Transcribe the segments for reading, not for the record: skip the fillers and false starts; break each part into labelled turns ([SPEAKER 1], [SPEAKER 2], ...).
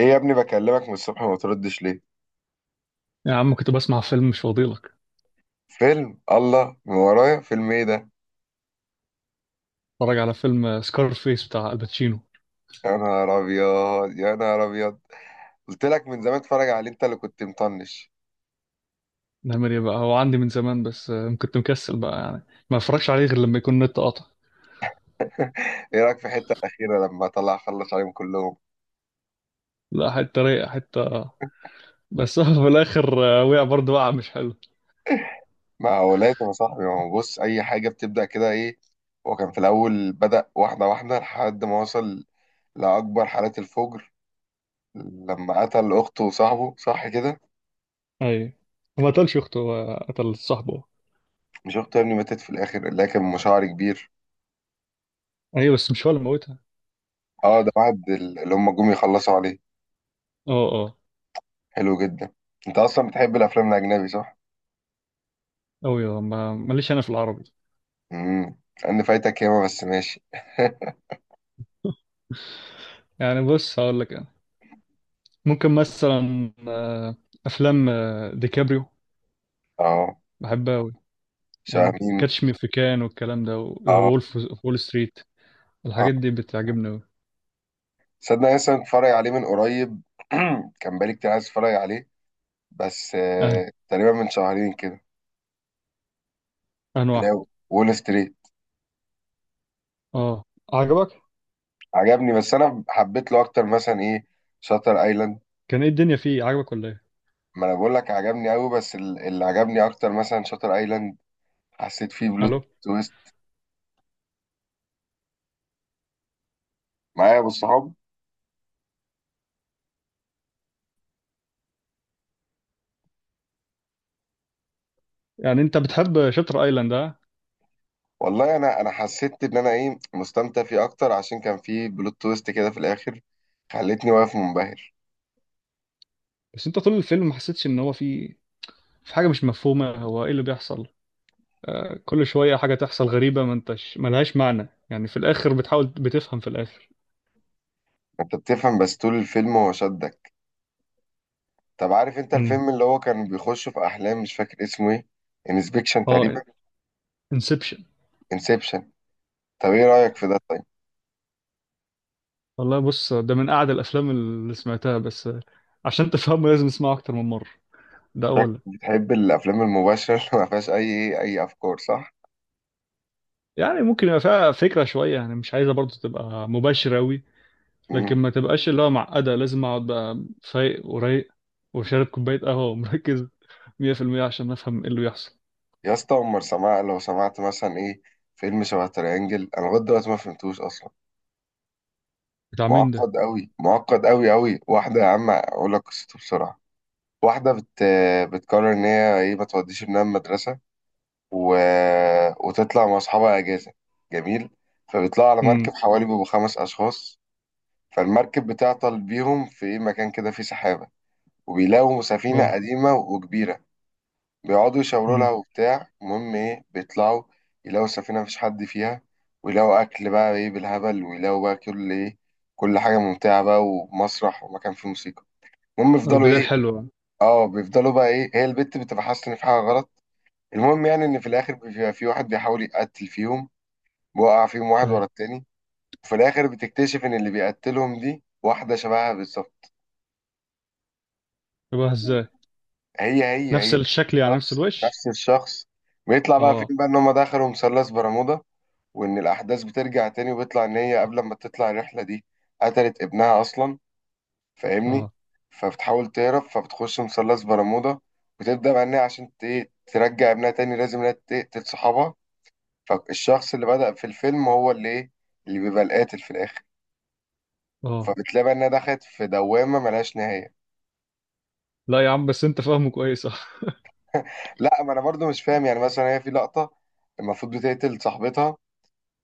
[SPEAKER 1] ايه يا ابني؟ بكلمك من الصبح ما بتردش ليه؟
[SPEAKER 2] يا عم، كنت بسمع فيلم، مش فاضيلك.
[SPEAKER 1] فيلم؟ الله من ورايا، فيلم ايه ده؟
[SPEAKER 2] اتفرج على فيلم، فيس بتاع الباتشينو.
[SPEAKER 1] يا نهار ابيض، يا نهار ابيض. قلت لك من زمان اتفرج عليه، انت اللي كنت مطنش.
[SPEAKER 2] نعمل ايه بقى؟ هو عندي من زمان بس كنت مكسل بقى يعني. ما اتفرجش عليه غير لما يكون النت قاطع.
[SPEAKER 1] ايه رايك في الحته الاخيره لما طلع خلص عليهم كلهم؟
[SPEAKER 2] لا، حتة رايقة، حتة. بس هو في الاخر وقع، برضه وقع مش حلو.
[SPEAKER 1] ما هو لازم يا صاحبي، ما هو بص، اي حاجه بتبدا كده، ايه. هو كان في الاول بدا واحده واحده لحد ما وصل لاكبر حالات الفجر لما قتل اخته وصاحبه، صح كده؟
[SPEAKER 2] اي، هو ما قتلش اخته، هو قتل صاحبه.
[SPEAKER 1] مش اخته يا ابني، ماتت في الاخر، لكن مشاعر كبير.
[SPEAKER 2] ايوه، بس مش هو اللي موتها.
[SPEAKER 1] اه، ده بعد اللي هم جم يخلصوا عليه.
[SPEAKER 2] اه، اه.
[SPEAKER 1] حلو جدا. انت اصلا بتحب الافلام الاجنبي، صح؟
[SPEAKER 2] اوي. ما ماليش انا في العربي.
[SPEAKER 1] امم انا فايتك ياما، بس ماشي.
[SPEAKER 2] يعني بص، هقول لك انا ممكن مثلا افلام ديكابريو.
[SPEAKER 1] اه،
[SPEAKER 2] بحب. يعني
[SPEAKER 1] شبه مين؟
[SPEAKER 2] كاتش مي في كان والكلام ده،
[SPEAKER 1] اه،
[SPEAKER 2] وولف. وول ستريت.
[SPEAKER 1] اه.
[SPEAKER 2] الحاجات دي بتعجبني أوي.
[SPEAKER 1] صدق أنا لسه متفرج عليه من قريب. كان بقالي كتير عايز اتفرج عليه، بس
[SPEAKER 2] أهلا،
[SPEAKER 1] تقريبا من شهرين كده.
[SPEAKER 2] أهلا واحد.
[SPEAKER 1] لا، وول ستريت.
[SPEAKER 2] أه، عجبك؟
[SPEAKER 1] عجبني، بس انا حبيت له اكتر مثلا ايه، شاتر ايلاند.
[SPEAKER 2] كان إيه الدنيا فيه؟ عجبك ولا إيه؟
[SPEAKER 1] ما انا بقول لك عجبني قوي، بس اللي عجبني اكتر مثلا شاتر ايلاند، حسيت فيه بلوت
[SPEAKER 2] ألو.
[SPEAKER 1] تويست معايا بالصحاب.
[SPEAKER 2] يعني أنت بتحب شاتر أيلاند أه.
[SPEAKER 1] والله انا حسيت ان انا ايه، مستمتع فيه اكتر عشان كان فيه بلوت تويست كده في الاخر، خلتني واقف منبهر.
[SPEAKER 2] بس أنت طول الفيلم ما حسيتش إن هو فيه في حاجة مش مفهومة هو إيه اللي بيحصل. كل شوية حاجة تحصل غريبة ما أنتش ملهاش معنى، يعني في الآخر بتحاول بتفهم في الآخر.
[SPEAKER 1] انت بتفهم، بس طول الفيلم هو شدك. طب عارف انت
[SPEAKER 2] امم.
[SPEAKER 1] الفيلم اللي هو كان بيخش في احلام، مش فاكر اسمه ايه، انسبكشن
[SPEAKER 2] أه،
[SPEAKER 1] تقريبا؟
[SPEAKER 2] انسبشن.
[SPEAKER 1] انسبشن. طب ايه رايك في ده طيب؟
[SPEAKER 2] والله بص، ده من أعد الأفلام اللي سمعتها. بس عشان تفهمه لازم تسمعه أكتر من مرة. ده
[SPEAKER 1] شكلك
[SPEAKER 2] أولا.
[SPEAKER 1] بتحب الافلام المباشره اللي ما فيهاش اي إيه، اي افكار، صح؟
[SPEAKER 2] يعني ممكن يبقى فيها فكرة شوية، يعني مش عايزة برضو تبقى مباشرة أوي. لكن
[SPEAKER 1] امم.
[SPEAKER 2] ما تبقاش اللي هو معقدة لازم أقعد بقى فايق ورايق وشارب كوباية قهوة ومركز 100% عشان أفهم إيه اللي بيحصل.
[SPEAKER 1] يا اسطى عمر سماع، لو سمعت مثلا ايه، فيلم شبه تريانجل، انا لغايه دلوقتي ما فهمتوش اصلا.
[SPEAKER 2] بتاع مين ده؟
[SPEAKER 1] معقد قوي، معقد قوي قوي. واحده، يا عم اقول لك قصته بسرعه. واحدة بت... بتقرر إن هي إيه، ما توديش ابنها المدرسة و... وتطلع مع أصحابها أجازة. جميل. فبيطلعوا على
[SPEAKER 2] امم.
[SPEAKER 1] مركب، حوالي بيبقوا خمس أشخاص. فالمركب بتعطل بيهم في إيه، مكان كده فيه سحابة، وبيلاقوا سفينة
[SPEAKER 2] اه.
[SPEAKER 1] قديمة وكبيرة. بيقعدوا يشاوروا لها
[SPEAKER 2] امم.
[SPEAKER 1] وبتاع. المهم إيه، بيطلعوا يلاقوا السفينة مفيش حد فيها، ويلاقوا أكل بقى إيه بالهبل، ويلاقوا بقى كل إيه، كل حاجة ممتعة بقى، ومسرح ومكان فيه موسيقى. المهم يفضلوا
[SPEAKER 2] البداية
[SPEAKER 1] إيه.
[SPEAKER 2] حلوة.
[SPEAKER 1] اه، بيفضلوا بقى ايه، هي البت بتبقى حاسه ان في حاجه غلط. المهم يعني ان في الاخر بيبقى في واحد بيحاول يقتل فيهم، بيوقع فيهم واحد ورا
[SPEAKER 2] أيوة.
[SPEAKER 1] التاني. وفي الاخر بتكتشف ان اللي بيقتلهم دي واحده شبهها بالظبط.
[SPEAKER 2] يبقى إزاي؟
[SPEAKER 1] هي هي
[SPEAKER 2] نفس
[SPEAKER 1] هي،
[SPEAKER 2] الشكل، يعني نفس
[SPEAKER 1] الشخص
[SPEAKER 2] الوش؟
[SPEAKER 1] نفس الشخص. بيطلع بقى
[SPEAKER 2] اه،
[SPEAKER 1] فين بقى، ان هم دخلوا مثلث برمودا، وان الاحداث بترجع تاني، وبيطلع ان هي قبل ما تطلع الرحله دي قتلت ابنها اصلا، فاهمني؟
[SPEAKER 2] اه،
[SPEAKER 1] فبتحاول تهرب، فبتخش مثلث برمودا، وتبدا بقى ان هي عشان ايه، ترجع ابنها تاني، لازم انها تقتل صحابها. فالشخص اللي بدأ في الفيلم هو اللي ايه، اللي بيبقى القاتل في الآخر.
[SPEAKER 2] اه.
[SPEAKER 1] فبتلاقي بقى انها دخلت في دوامة ملهاش نهاية.
[SPEAKER 2] لا يا عم، بس أنت فاهمه كويس اه.
[SPEAKER 1] لا، ما انا برضو مش فاهم. يعني مثلا هي في لقطة المفروض بتقتل صاحبتها،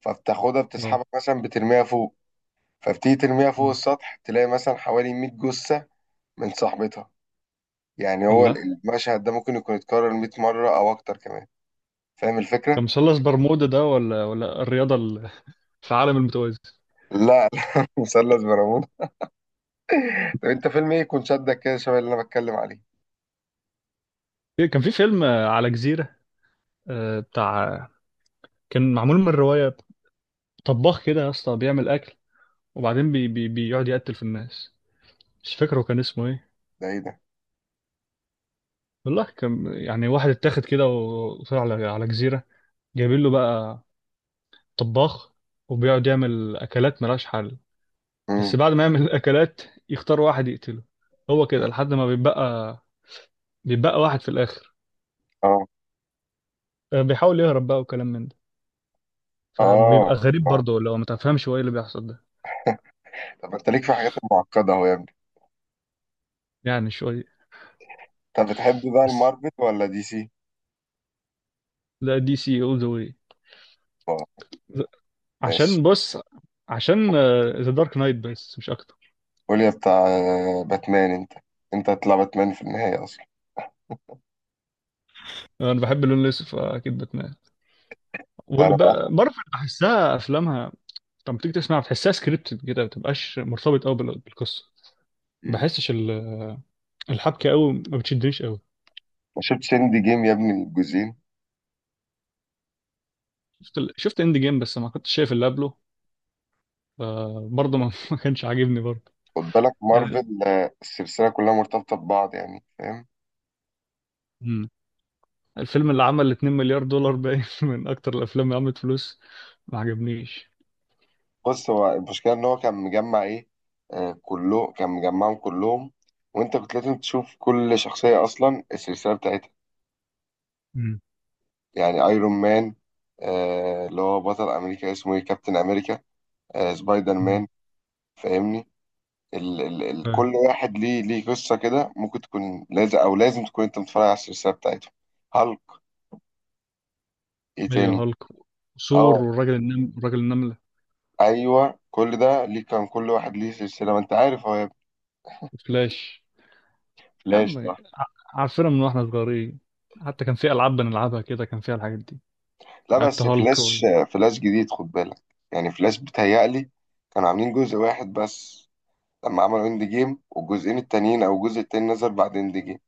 [SPEAKER 1] فبتاخدها
[SPEAKER 2] اه.
[SPEAKER 1] بتسحبها مثلا بترميها فوق. فبتيجي ترميها فوق
[SPEAKER 2] مم.
[SPEAKER 1] السطح، تلاقي مثلا حوالي 100 جثة من صاحبتها. يعني هو
[SPEAKER 2] الله.
[SPEAKER 1] المشهد ده ممكن يكون اتكرر 100 مرة او اكتر كمان، فاهم
[SPEAKER 2] ده
[SPEAKER 1] الفكرة؟
[SPEAKER 2] مثلث برمودا ده ولا الرياضة في عالم المتوازي؟
[SPEAKER 1] لا لا، مثلث برامون. طب انت فيلم ايه يكون شدك كده شبه اللي انا بتكلم عليه؟
[SPEAKER 2] كان في فيلم على جزيرة، بتاع كان معمول من الرواية. طباخ كده يا اسطى بيعمل أكل، وبعدين بي بي بيقعد يقتل في الناس. مش فاكره كان اسمه إيه.
[SPEAKER 1] ده ايه ده؟
[SPEAKER 2] والله كان يعني واحد اتاخد كده وطلع على جزيرة. جايبين له بقى طباخ، وبيقعد يعمل أكلات ملهاش حل. بس
[SPEAKER 1] امم،
[SPEAKER 2] بعد ما يعمل الأكلات يختار واحد يقتله. هو كده لحد ما بيبقى واحد في الآخر.
[SPEAKER 1] اه،
[SPEAKER 2] بيحاول يهرب بقى وكلام من ده. فبيبقى
[SPEAKER 1] اه،
[SPEAKER 2] غريب
[SPEAKER 1] آه.
[SPEAKER 2] برضه لو ما تفهمش هو ايه اللي بيحصل ده.
[SPEAKER 1] طب انت ليك في حاجات معقدة اهو يا ابني.
[SPEAKER 2] يعني شوية.
[SPEAKER 1] طب بتحب بقى
[SPEAKER 2] بس
[SPEAKER 1] المارفل ولا دي سي؟
[SPEAKER 2] لا، دي سي all the way.
[SPEAKER 1] اه، ماشي.
[SPEAKER 2] عشان بص، عشان ذا دارك نايت، بس مش اكتر.
[SPEAKER 1] قول يا بتاع باتمان انت. انت هتطلع باتمان في النهاية اصلا.
[SPEAKER 2] انا بحب اللون الاسود فاكيد باتمان.
[SPEAKER 1] لا انا بقى.
[SPEAKER 2] ومارفل بحسها افلامها لما تيجي تسمعها بتحسها سكريبتد كده، ما بتبقاش مرتبط قوي بالقصه. ما
[SPEAKER 1] مم.
[SPEAKER 2] بحسش الحبكه قوي ما بتشدنيش قوي.
[SPEAKER 1] ما شفتش اند جيم يا ابني، الجزئين.
[SPEAKER 2] شفت اند جيم، بس ما كنتش شايف اللي قبله. فبرضه ما ما كانش عاجبني برضه.
[SPEAKER 1] خد بالك
[SPEAKER 2] يعني.
[SPEAKER 1] مارفل السلسلة كلها مرتبطة ببعض، يعني فاهم.
[SPEAKER 2] مم. الفيلم اللي عمل 2 مليار دولار باين من اكتر الافلام اللي عملت فلوس. ما عجبنيش.
[SPEAKER 1] بص هو المشكلة ان هو كان مجمع ايه، آه، كله كان مجمعهم كلهم، وانت كنت لازم تشوف كل شخصية اصلا السلسلة بتاعتها.
[SPEAKER 2] مم.
[SPEAKER 1] يعني ايرون مان، آه اللي هو بطل امريكا اسمه ايه، كابتن امريكا، سبايدر مان، فاهمني؟ ال ال ال
[SPEAKER 2] مم.
[SPEAKER 1] كل واحد ليه قصة كده، ممكن تكون لازم أو لازم تكون أنت متفرج على السلسلة بتاعتهم. هالك، إيه
[SPEAKER 2] ايوه،
[SPEAKER 1] تاني؟
[SPEAKER 2] هالك. وثور
[SPEAKER 1] أه،
[SPEAKER 2] والراجل والراجل النملة.
[SPEAKER 1] أيوه كل ده ليه، كان كل واحد ليه سلسلة، ما أنت عارف هو يا ابني.
[SPEAKER 2] وفلاش. يا
[SPEAKER 1] فلاش،
[SPEAKER 2] عم،
[SPEAKER 1] صح.
[SPEAKER 2] عارفينها من واحنا صغيرين. حتى كان في ألعاب بنلعبها كده كان فيها الحاجات دي.
[SPEAKER 1] لا
[SPEAKER 2] لعبت
[SPEAKER 1] بس
[SPEAKER 2] هالك
[SPEAKER 1] فلاش، فلاش جديد خد بالك. يعني فلاش بيتهيألي كانوا عاملين جزء واحد بس، لما عملوا اند جيم، والجزئين التانيين أو الجزء التاني نزل بعد اند جيم.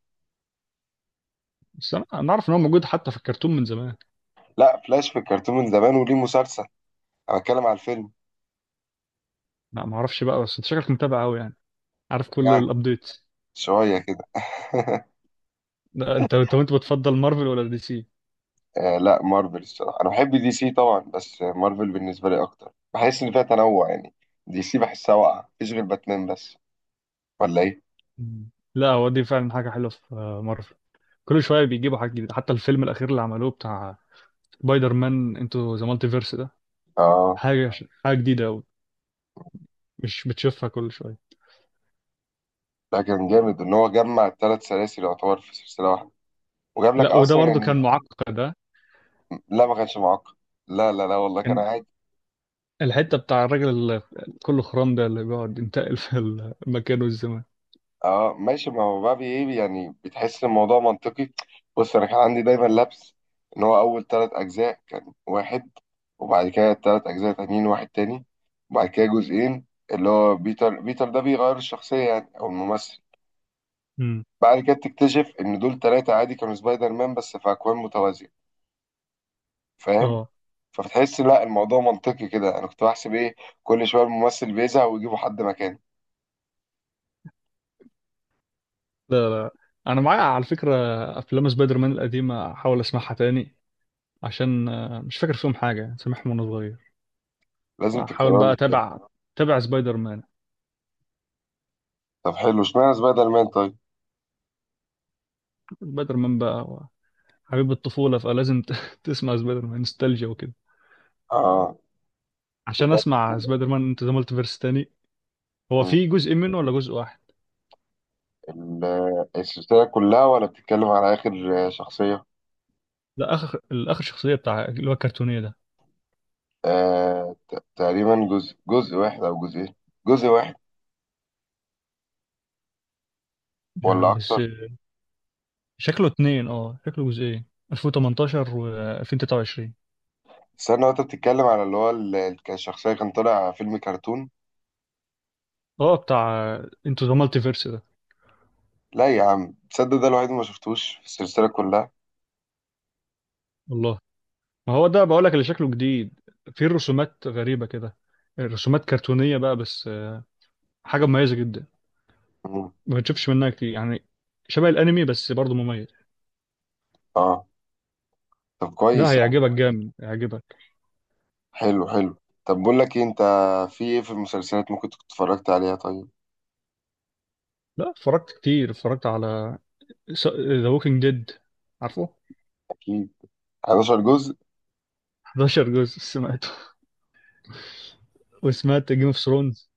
[SPEAKER 2] بس أنا أعرف إن هو موجود حتى في الكرتون من زمان.
[SPEAKER 1] لا فلاش في الكرتون من زمان وليه مسلسل، أنا بتكلم على الفيلم.
[SPEAKER 2] لا، ما أعرفش بقى، بس أنت شكلك متابع أوي يعني. عارف كل
[SPEAKER 1] يعني
[SPEAKER 2] الأبديتس.
[SPEAKER 1] شوية كده.
[SPEAKER 2] لا، أنت وأنت بتفضل مارفل ولا دي سي؟
[SPEAKER 1] آه، لا مارفل الصراحة. أنا بحب دي سي طبعا، بس مارفل بالنسبة لي أكتر، بحس إن فيها تنوع يعني. دي سي بحسها واقعة، مفيش غير باتمان بس، ولا إيه؟
[SPEAKER 2] مم. لا، هو دي فعلا حاجة حلوة في مارفل. كل شوية بيجيبوا حاجة جديدة، حتى الفيلم الأخير اللي عملوه بتاع سبايدر مان انتو ذا مالتيفيرس ده.
[SPEAKER 1] آه،
[SPEAKER 2] حاجة حاجة جديدة أوي. مش بتشوفها كل شوية.
[SPEAKER 1] لا كان جامد إن هو جمع التلات سلاسل، يعتبر في سلسلة واحدة، وجاب لك
[SPEAKER 2] لا، وده
[SPEAKER 1] أصلا
[SPEAKER 2] برضو
[SPEAKER 1] يعني.
[SPEAKER 2] كان معقد ده.
[SPEAKER 1] لا ما كانش معقد. لا لا لا، والله كان.
[SPEAKER 2] كان الحتة بتاع الراجل اللي كله خرام ده اللي بيقعد ينتقل في المكان والزمان.
[SPEAKER 1] اه ماشي، ما هو بقى ايه يعني، بتحس الموضوع منطقي. بص انا كان عندي دايما لبس ان هو اول ثلاث اجزاء كان واحد، وبعد كده ثلاث اجزاء تانيين واحد تاني، وبعد كده جزئين اللي هو بيتر بيتر ده بيغير الشخصية يعني او الممثل.
[SPEAKER 2] امم.
[SPEAKER 1] بعد كده تكتشف ان دول ثلاثة عادي كانوا سبايدر مان بس في اكوان متوازية، فاهم؟
[SPEAKER 2] اه.
[SPEAKER 1] فبتحس لا الموضوع منطقي كده. انا كنت بحسب ايه، كل شوية الممثل بيزهق ويجيبوا حد مكانه.
[SPEAKER 2] لا، لا. انا معايا على فكرة افلام سبايدر مان القديمة، احاول اسمعها تاني عشان مش فاكر فيهم حاجة، سامعهم وانا صغير.
[SPEAKER 1] لازم
[SPEAKER 2] احاول
[SPEAKER 1] تكرروا
[SPEAKER 2] بقى
[SPEAKER 1] التاني.
[SPEAKER 2] اتابع تابع سبايدر مان.
[SPEAKER 1] طب حلو، اشمعنى سبايدر مان طيب؟
[SPEAKER 2] سبايدر مان بقى هو حبيب الطفولة، فلازم تسمع سبايدر مان نوستالجيا وكده.
[SPEAKER 1] اه.
[SPEAKER 2] عشان اسمع سبايدر مان انت ذا مالتيفيرس تاني. هو
[SPEAKER 1] مم.
[SPEAKER 2] في جزء منه ولا جزء واحد؟
[SPEAKER 1] السلسلة كلها ولا بتتكلم على آخر شخصية؟
[SPEAKER 2] لا، اخر الاخر شخصية بتاع اللي هو الكرتونية ده.
[SPEAKER 1] آه، تقريبا جزء واحد أو جزئين، جزء واحد
[SPEAKER 2] مش عارف
[SPEAKER 1] ولا
[SPEAKER 2] بس
[SPEAKER 1] أكتر؟
[SPEAKER 2] شكله اتنين، اه شكله جزئين، 2018 و 2023.
[SPEAKER 1] استنى، وأنت بتتكلم على اللي هو كان الشخصية كان طالع فيلم كرتون؟
[SPEAKER 2] اه بتاع انتو ذا مالتي فيرس ده.
[SPEAKER 1] لا يا عم، تصدق ده الوحيد اللي ما شفتوش في السلسلة كلها؟
[SPEAKER 2] والله، ما هو ده بقول لك اللي شكله جديد. فيه رسومات غريبة كده، رسومات كرتونية بقى، بس حاجة مميزة جدا.
[SPEAKER 1] مم.
[SPEAKER 2] ما بتشوفش منها كتير يعني. شبه الانمي، بس برضه مميز.
[SPEAKER 1] آه. طب
[SPEAKER 2] لا،
[SPEAKER 1] كويس يا عم.
[SPEAKER 2] هيعجبك جامد هيعجبك.
[SPEAKER 1] حلو حلو. طب بقول لك إيه أنت، في إيه في المسلسلات ممكن تكون اتفرجت عليها طيب؟
[SPEAKER 2] لا، اتفرجت كتير، اتفرجت على ذا ووكينج ديد. عارفه
[SPEAKER 1] أكيد، 11 جزء.
[SPEAKER 2] 11 جزء سمعته، وسمعت جيم اوف ثرونز.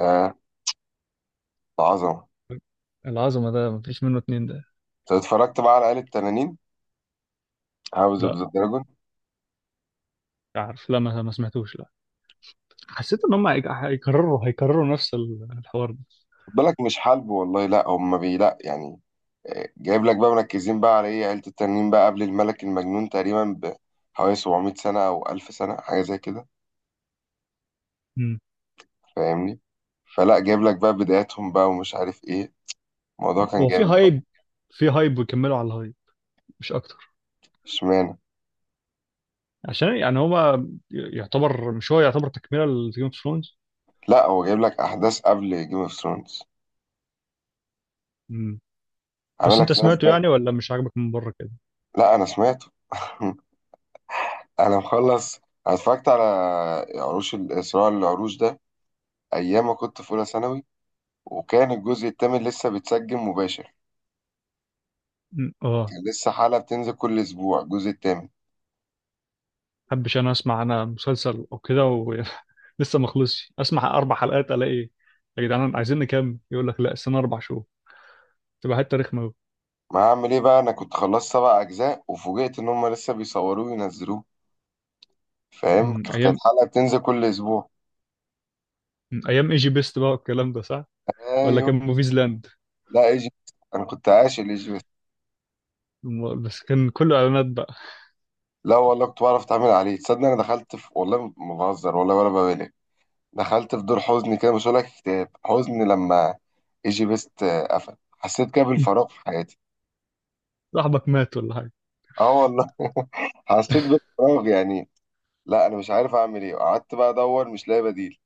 [SPEAKER 1] آه، عظمة.
[SPEAKER 2] العظمة، ده مفيش منه اتنين ده.
[SPEAKER 1] طب اتفرجت بقى على آلة تنانين؟ هاوس أوف
[SPEAKER 2] لا،
[SPEAKER 1] ذا دراجون؟
[SPEAKER 2] عارف، لا، ما سمعتوش، لا. حسيت ان هم هيكرروا نفس الحوار ده.
[SPEAKER 1] خد بالك مش حلب والله، لا هم بي لا يعني، جايب لك بقى مركزين بقى على ايه، عيلة التنين بقى قبل الملك المجنون تقريبا بحوالي 700 سنة أو 1000 سنة حاجة زي كده،
[SPEAKER 2] مم.
[SPEAKER 1] فاهمني؟ فلا، جايب لك بقى بداياتهم بقى ومش عارف ايه، الموضوع كان
[SPEAKER 2] هو في
[SPEAKER 1] جامد بقى.
[SPEAKER 2] هايب، في هايب ويكملوا على الهايب، مش اكتر.
[SPEAKER 1] اشمعنى؟
[SPEAKER 2] عشان يعني هو يعتبر، مش، هو يعتبر تكمله لجيم اوف ثرونز.
[SPEAKER 1] لا هو جايب لك أحداث قبل جيم اوف ثرونز، عامل
[SPEAKER 2] بس
[SPEAKER 1] لك
[SPEAKER 2] انت
[SPEAKER 1] فلاش
[SPEAKER 2] سمعته
[SPEAKER 1] باك.
[SPEAKER 2] يعني، ولا مش عاجبك من بره كده؟
[SPEAKER 1] لا أنا سمعته. أنا مخلص. أنا اتفرجت على صراع العروش ده أيام ما كنت في أولى ثانوي، وكان الجزء الثامن لسه بيتسجل مباشر،
[SPEAKER 2] مم. اه.
[SPEAKER 1] كان لسه حلقة بتنزل كل أسبوع الجزء التامن.
[SPEAKER 2] حبش انا اسمع انا مسلسل او كده لسه ما خلصش، اسمع 4 حلقات الاقي يا جدعان عايزين نكمل، يقول لك لا، السنه 4 شهور، تبقى حته رخمه قوي.
[SPEAKER 1] ما هعمل إيه بقى، أنا كنت خلصت سبع أجزاء وفوجئت إن هما لسه بيصوروه وينزلوه، فاهم؟ كانت
[SPEAKER 2] ايام.
[SPEAKER 1] حلقة بتنزل كل أسبوع.
[SPEAKER 2] ايام ايجي بيست بقى والكلام ده، صح. ولا
[SPEAKER 1] أيوه.
[SPEAKER 2] كان موفيز لاند؟
[SPEAKER 1] لا إيجيبت، أنا كنت عاشق لإيجيبت.
[SPEAKER 2] بس كان كله اعلانات بقى.
[SPEAKER 1] لا والله كنت بعرف أتعامل عليه، تصدق أنا دخلت في، والله ما بهزر والله ولا ببالغ، دخلت في دور حزن كده، مش هقولك اكتئاب، حزن، لما إيجيبت قفل حسيت كده بالفراغ في حياتي.
[SPEAKER 2] صاحبك مات ولا حاجه؟
[SPEAKER 1] اه والله. حسيت بالفراغ يعني. لا أنا مش عارف أعمل إيه، قعدت بقى أدور مش لاقي بديل،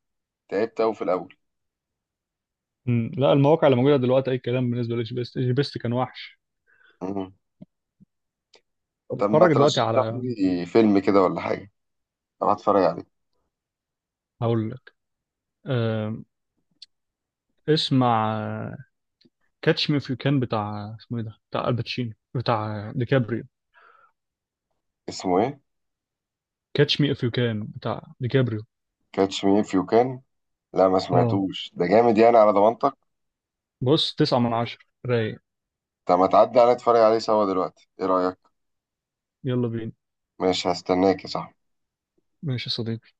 [SPEAKER 1] تعبت أوي في الأول.
[SPEAKER 2] لا، المواقع اللي موجوده دلوقتي اي كلام بالنسبه لجي بي اس، جي بي اس كان وحش.
[SPEAKER 1] مم.
[SPEAKER 2] طب
[SPEAKER 1] طب ما
[SPEAKER 2] اتفرج دلوقتي
[SPEAKER 1] ترشح
[SPEAKER 2] على
[SPEAKER 1] لي فيلم كده ولا حاجة، أروح أتفرج عليه؟
[SPEAKER 2] هقول لك آم، اسمع، كاتش مي اف يو كان بتاع اسمه ايه ده بتاع الباتشينو بتاع ديكابريو.
[SPEAKER 1] اسمه إيه؟
[SPEAKER 2] كاتش مي اف يو كان بتاع ديكابريو.
[SPEAKER 1] كاتش مي إف يو كان. لا ما
[SPEAKER 2] اه.
[SPEAKER 1] سمعتوش، ده جامد يعني على ضمانتك؟
[SPEAKER 2] بص، 9/10، رايق.
[SPEAKER 1] طب ما تعدي عليا أتفرج عليه سوا دلوقتي، إيه رأيك؟
[SPEAKER 2] يلا بينا.
[SPEAKER 1] ماشي، هستناك يا صاحبي.
[SPEAKER 2] ماشي يا صديقي.